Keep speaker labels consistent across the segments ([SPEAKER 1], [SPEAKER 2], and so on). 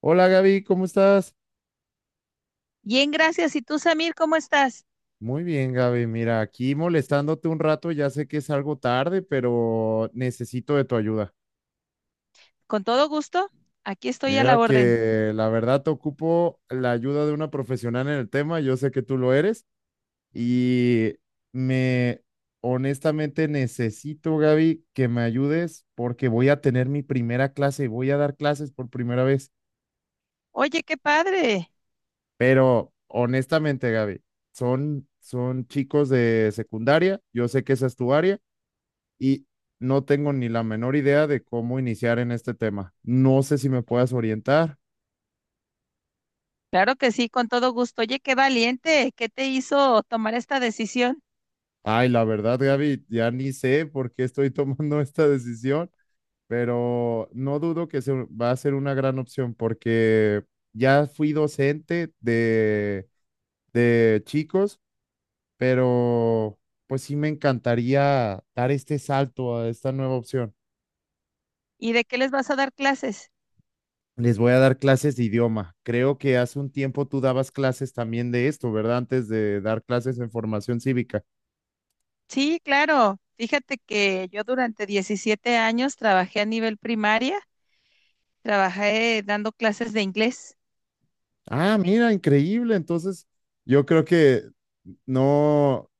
[SPEAKER 1] Hola Gaby, ¿cómo estás?
[SPEAKER 2] Bien, gracias. ¿Y tú, Samir, cómo estás?
[SPEAKER 1] Muy bien, Gaby. Mira, aquí molestándote un rato, ya sé que es algo tarde, pero necesito de tu ayuda.
[SPEAKER 2] Con todo gusto. Aquí estoy a la
[SPEAKER 1] Mira
[SPEAKER 2] orden.
[SPEAKER 1] que la verdad te ocupo la ayuda de una profesional en el tema, yo sé que tú lo eres y me honestamente necesito, Gaby, que me ayudes porque voy a tener mi primera clase, y voy a dar clases por primera vez,
[SPEAKER 2] Oye, qué padre.
[SPEAKER 1] pero honestamente, Gaby, son chicos de secundaria, yo sé que esa es tu área. Y no tengo ni la menor idea de cómo iniciar en este tema. No sé si me puedas orientar.
[SPEAKER 2] Claro que sí, con todo gusto. Oye, qué valiente. ¿Qué te hizo tomar esta decisión?
[SPEAKER 1] Ay, la verdad, Gaby, ya ni sé por qué estoy tomando esta decisión, pero no dudo que se va a ser una gran opción porque ya fui docente de chicos, pero pues sí me encantaría dar este salto a esta nueva opción.
[SPEAKER 2] ¿Y de qué les vas a dar clases?
[SPEAKER 1] Les voy a dar clases de idioma. Creo que hace un tiempo tú dabas clases también de esto, ¿verdad? Antes de dar clases en formación cívica.
[SPEAKER 2] Sí, claro. Fíjate que yo durante 17 años trabajé a nivel primaria, trabajé dando clases de inglés.
[SPEAKER 1] Ah, mira, increíble. Entonces, yo creo que no,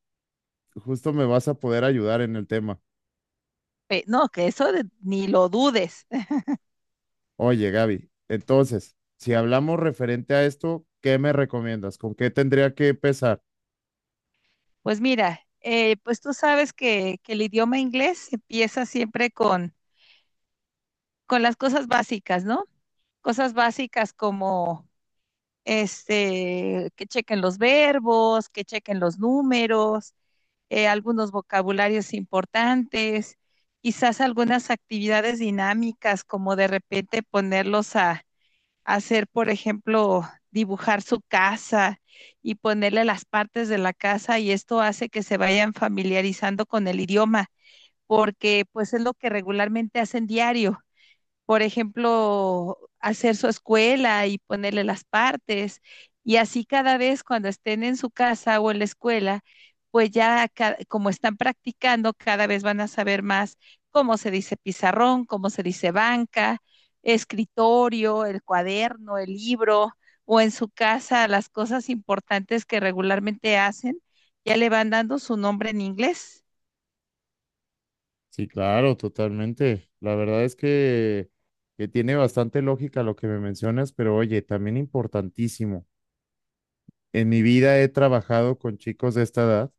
[SPEAKER 1] justo me vas a poder ayudar en el tema.
[SPEAKER 2] No, que ni lo dudes.
[SPEAKER 1] Oye, Gaby, entonces, si hablamos referente a esto, ¿qué me recomiendas? ¿Con qué tendría que empezar?
[SPEAKER 2] Pues mira, pues tú sabes que el idioma inglés empieza siempre con las cosas básicas, ¿no? Cosas básicas como este, que chequen los verbos, que chequen los números, algunos vocabularios importantes, quizás algunas actividades dinámicas como de repente ponerlos a hacer, por ejemplo, dibujar su casa y ponerle las partes de la casa, y esto hace que se vayan familiarizando con el idioma porque pues es lo que regularmente hacen diario, por ejemplo, hacer su escuela y ponerle las partes. Y así cada vez cuando estén en su casa o en la escuela, pues ya como están practicando, cada vez van a saber más cómo se dice pizarrón, cómo se dice banca, escritorio, el cuaderno, el libro, o en su casa las cosas importantes que regularmente hacen, ya le van dando su nombre en inglés.
[SPEAKER 1] Sí, claro, totalmente. La verdad es que tiene bastante lógica lo que me mencionas, pero oye, también importantísimo. En mi vida he trabajado con chicos de esta edad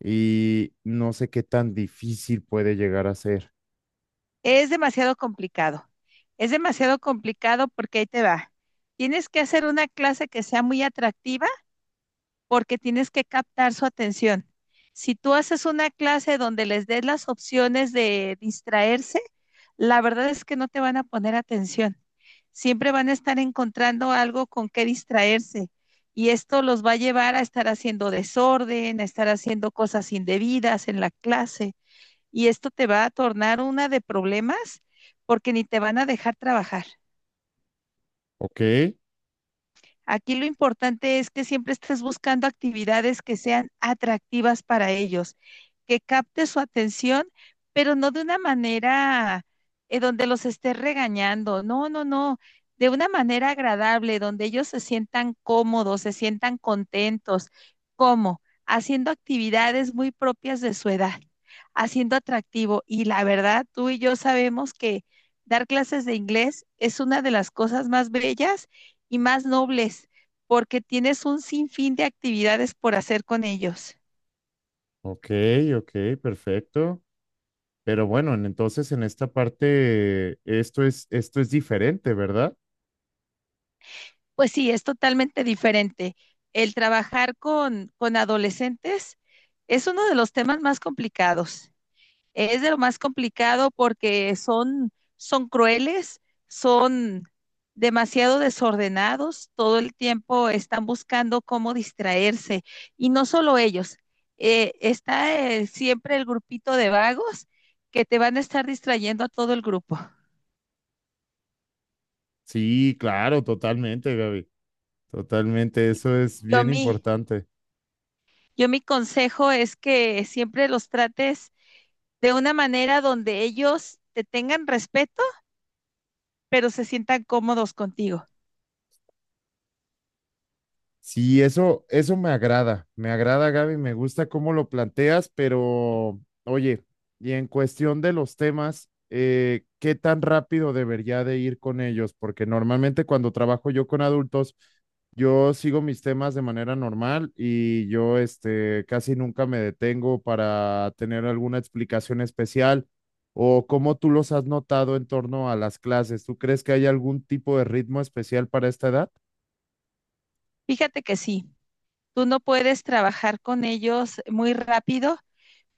[SPEAKER 1] y no sé qué tan difícil puede llegar a ser.
[SPEAKER 2] Es demasiado complicado. Es demasiado complicado porque ahí te va. Tienes que hacer una clase que sea muy atractiva porque tienes que captar su atención. Si tú haces una clase donde les des las opciones de distraerse, la verdad es que no te van a poner atención. Siempre van a estar encontrando algo con que distraerse, y esto los va a llevar a estar haciendo desorden, a estar haciendo cosas indebidas en la clase, y esto te va a tornar una de problemas porque ni te van a dejar trabajar.
[SPEAKER 1] Ok,
[SPEAKER 2] Aquí lo importante es que siempre estés buscando actividades que sean atractivas para ellos, que capte su atención, pero no de una manera donde los estés regañando. No, no, no. De una manera agradable, donde ellos se sientan cómodos, se sientan contentos. ¿Cómo? Haciendo actividades muy propias de su edad, haciendo atractivo. Y la verdad, tú y yo sabemos que dar clases de inglés es una de las cosas más bellas y más nobles, porque tienes un sinfín de actividades por hacer con ellos.
[SPEAKER 1] ok, ok, perfecto. Pero bueno, entonces en esta parte esto es diferente, ¿verdad?
[SPEAKER 2] Pues sí, es totalmente diferente. El trabajar con adolescentes es uno de los temas más complicados. Es de lo más complicado porque son crueles, son demasiado desordenados, todo el tiempo están buscando cómo distraerse. Y no solo ellos, está siempre el grupito de vagos que te van a estar distrayendo a todo el grupo.
[SPEAKER 1] Sí, claro, totalmente, Gaby. Totalmente,
[SPEAKER 2] Y-
[SPEAKER 1] eso es
[SPEAKER 2] Yo
[SPEAKER 1] bien
[SPEAKER 2] mi,
[SPEAKER 1] importante.
[SPEAKER 2] yo mi consejo es que siempre los trates de una manera donde ellos te tengan respeto, pero se sientan cómodos contigo.
[SPEAKER 1] Sí, eso me agrada, Gaby, me gusta cómo lo planteas, pero oye, y en cuestión de los temas, ¿qué tan rápido debería de ir con ellos? Porque normalmente cuando trabajo yo con adultos, yo sigo mis temas de manera normal y yo, este, casi nunca me detengo para tener alguna explicación especial o cómo tú los has notado en torno a las clases. ¿Tú crees que hay algún tipo de ritmo especial para esta edad?
[SPEAKER 2] Fíjate que sí, tú no puedes trabajar con ellos muy rápido,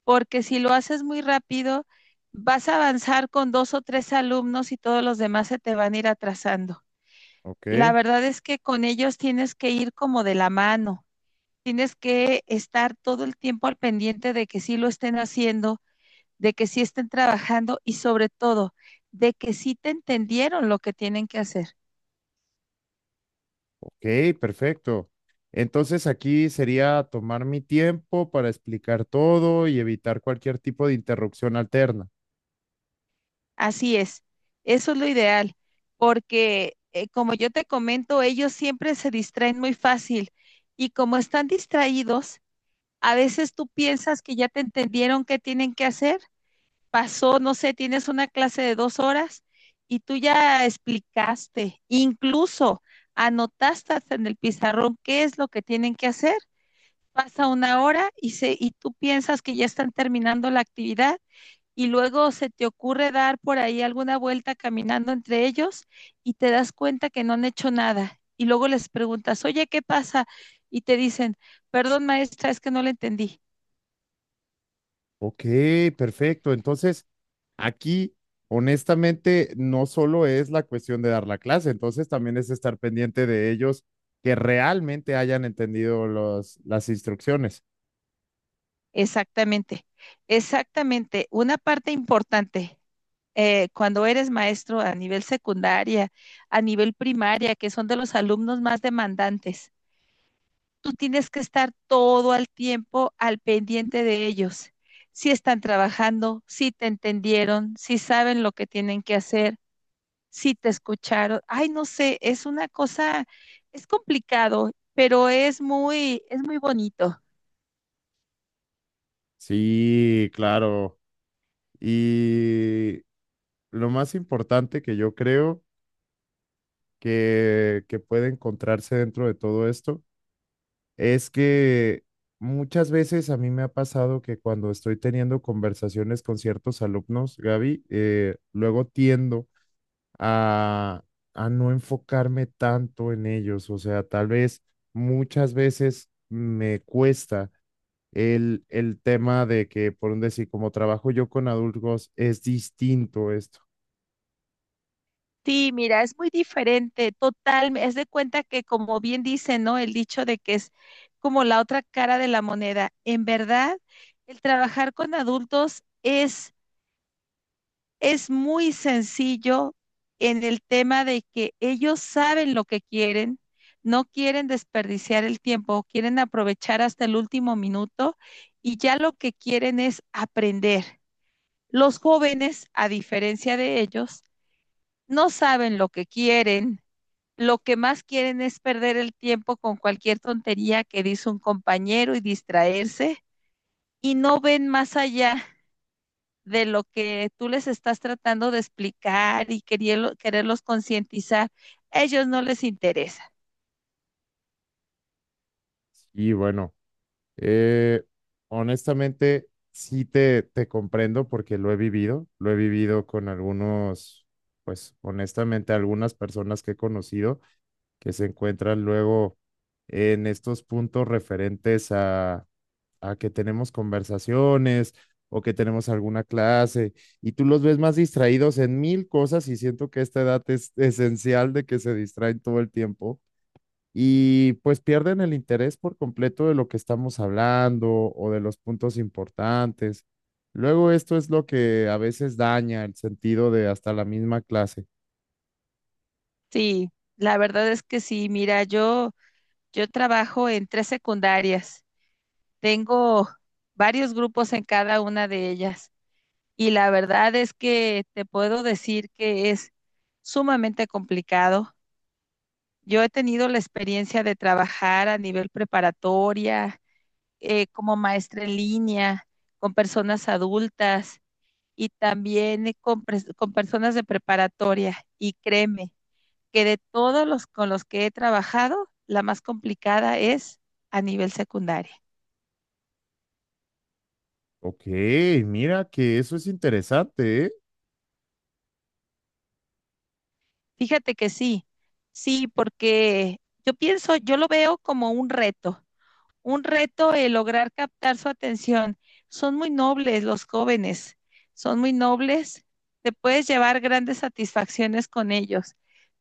[SPEAKER 2] porque si lo haces muy rápido, vas a avanzar con dos o tres alumnos y todos los demás se te van a ir atrasando. La
[SPEAKER 1] Ok.
[SPEAKER 2] verdad es que con ellos tienes que ir como de la mano, tienes que estar todo el tiempo al pendiente de que sí lo estén haciendo, de que sí estén trabajando, y sobre todo de que sí te entendieron lo que tienen que hacer.
[SPEAKER 1] Ok, perfecto. Entonces aquí sería tomar mi tiempo para explicar todo y evitar cualquier tipo de interrupción alterna.
[SPEAKER 2] Así es, eso es lo ideal, porque como yo te comento, ellos siempre se distraen muy fácil, y como están distraídos, a veces tú piensas que ya te entendieron qué tienen que hacer. Pasó, no sé, tienes una clase de 2 horas y tú ya explicaste, incluso anotaste hasta en el pizarrón qué es lo que tienen que hacer. Pasa una hora y tú piensas que ya están terminando la actividad, y luego se te ocurre dar por ahí alguna vuelta caminando entre ellos y te das cuenta que no han hecho nada. Y luego les preguntas, oye, ¿qué pasa? Y te dicen, perdón maestra, es que no la entendí.
[SPEAKER 1] Ok, perfecto. Entonces aquí, honestamente, no solo es la cuestión de dar la clase, entonces también es estar pendiente de ellos que realmente hayan entendido los, las instrucciones.
[SPEAKER 2] Exactamente, exactamente. Una parte importante, cuando eres maestro a nivel secundaria, a nivel primaria, que son de los alumnos más demandantes, tú tienes que estar todo el tiempo al pendiente de ellos. Si están trabajando, si te entendieron, si saben lo que tienen que hacer, si te escucharon. Ay, no sé, es una cosa, es complicado, pero es muy bonito.
[SPEAKER 1] Sí, claro. Y lo más importante que yo creo que puede encontrarse dentro de todo esto es que muchas veces a mí me ha pasado que cuando estoy teniendo conversaciones con ciertos alumnos, Gaby, luego tiendo a, a no enfocarme tanto en ellos. O sea, tal vez muchas veces me cuesta el tema de que, por un decir, como trabajo yo con adultos, es distinto esto.
[SPEAKER 2] Sí, mira, es muy diferente, total, es de cuenta que, como bien dice, ¿no? El dicho de que es como la otra cara de la moneda. En verdad, el trabajar con adultos es muy sencillo en el tema de que ellos saben lo que quieren, no quieren desperdiciar el tiempo, quieren aprovechar hasta el último minuto, y ya lo que quieren es aprender. Los jóvenes, a diferencia de ellos, no saben lo que quieren. Lo que más quieren es perder el tiempo con cualquier tontería que dice un compañero y distraerse, y no ven más allá de lo que tú les estás tratando de explicar y quererlos concientizar, a ellos no les interesa.
[SPEAKER 1] Y bueno. Eh, Honestamente, sí te comprendo porque lo he vivido con algunos, pues honestamente, algunas personas que he conocido que se encuentran luego en estos puntos referentes a que tenemos conversaciones o que tenemos alguna clase y tú los ves más distraídos en mil cosas y siento que esta edad es esencial de que se distraen todo el tiempo y pues pierden el interés por completo de lo que estamos hablando o de los puntos importantes. Luego esto es lo que a veces daña el sentido de hasta la misma clase.
[SPEAKER 2] Sí, la verdad es que sí, mira, yo trabajo en tres secundarias, tengo varios grupos en cada una de ellas, y la verdad es que te puedo decir que es sumamente complicado. Yo he tenido la experiencia de trabajar a nivel preparatoria, como maestra en línea, con personas adultas, y también con personas de preparatoria. Y créeme que de todos los con los que he trabajado, la más complicada es a nivel secundaria.
[SPEAKER 1] Ok, mira que eso es interesante, ¿eh?
[SPEAKER 2] Fíjate que sí, sí, porque yo pienso, yo lo veo como un reto. Un reto el lograr captar su atención. Son muy nobles los jóvenes, son muy nobles, te puedes llevar grandes satisfacciones con ellos,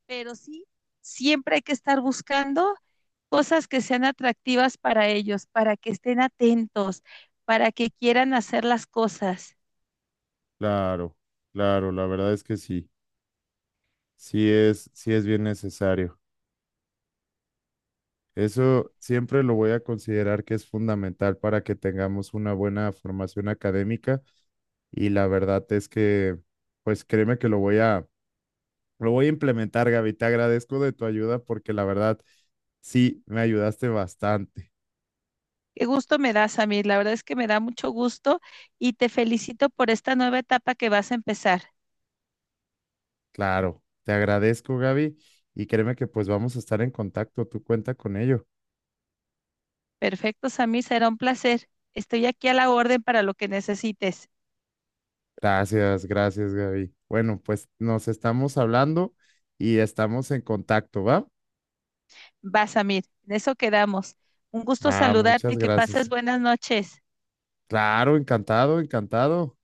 [SPEAKER 2] pero sí, siempre hay que estar buscando cosas que sean atractivas para ellos, para que estén atentos, para que quieran hacer las cosas.
[SPEAKER 1] Claro, claro, la verdad es que sí, sí es bien necesario. Eso siempre lo voy a considerar que es fundamental para que tengamos una buena formación académica y la verdad es que, pues créeme que lo voy a, lo voy a implementar, Gaby. Te agradezco de tu ayuda porque la verdad sí me ayudaste bastante.
[SPEAKER 2] Qué gusto me das, Samir, la verdad es que me da mucho gusto, y te felicito por esta nueva etapa que vas a empezar.
[SPEAKER 1] Claro, te agradezco, Gaby. Y créeme que pues vamos a estar en contacto. Tú cuenta con ello.
[SPEAKER 2] Perfecto, Samir, será un placer. Estoy aquí a la orden para lo que necesites.
[SPEAKER 1] Gracias, gracias, Gaby. Bueno, pues nos estamos hablando y estamos en contacto, ¿va?
[SPEAKER 2] Basamir. En eso quedamos. Un gusto
[SPEAKER 1] Va, muchas
[SPEAKER 2] saludarte, que
[SPEAKER 1] gracias.
[SPEAKER 2] pases buenas noches.
[SPEAKER 1] Claro, encantado, encantado.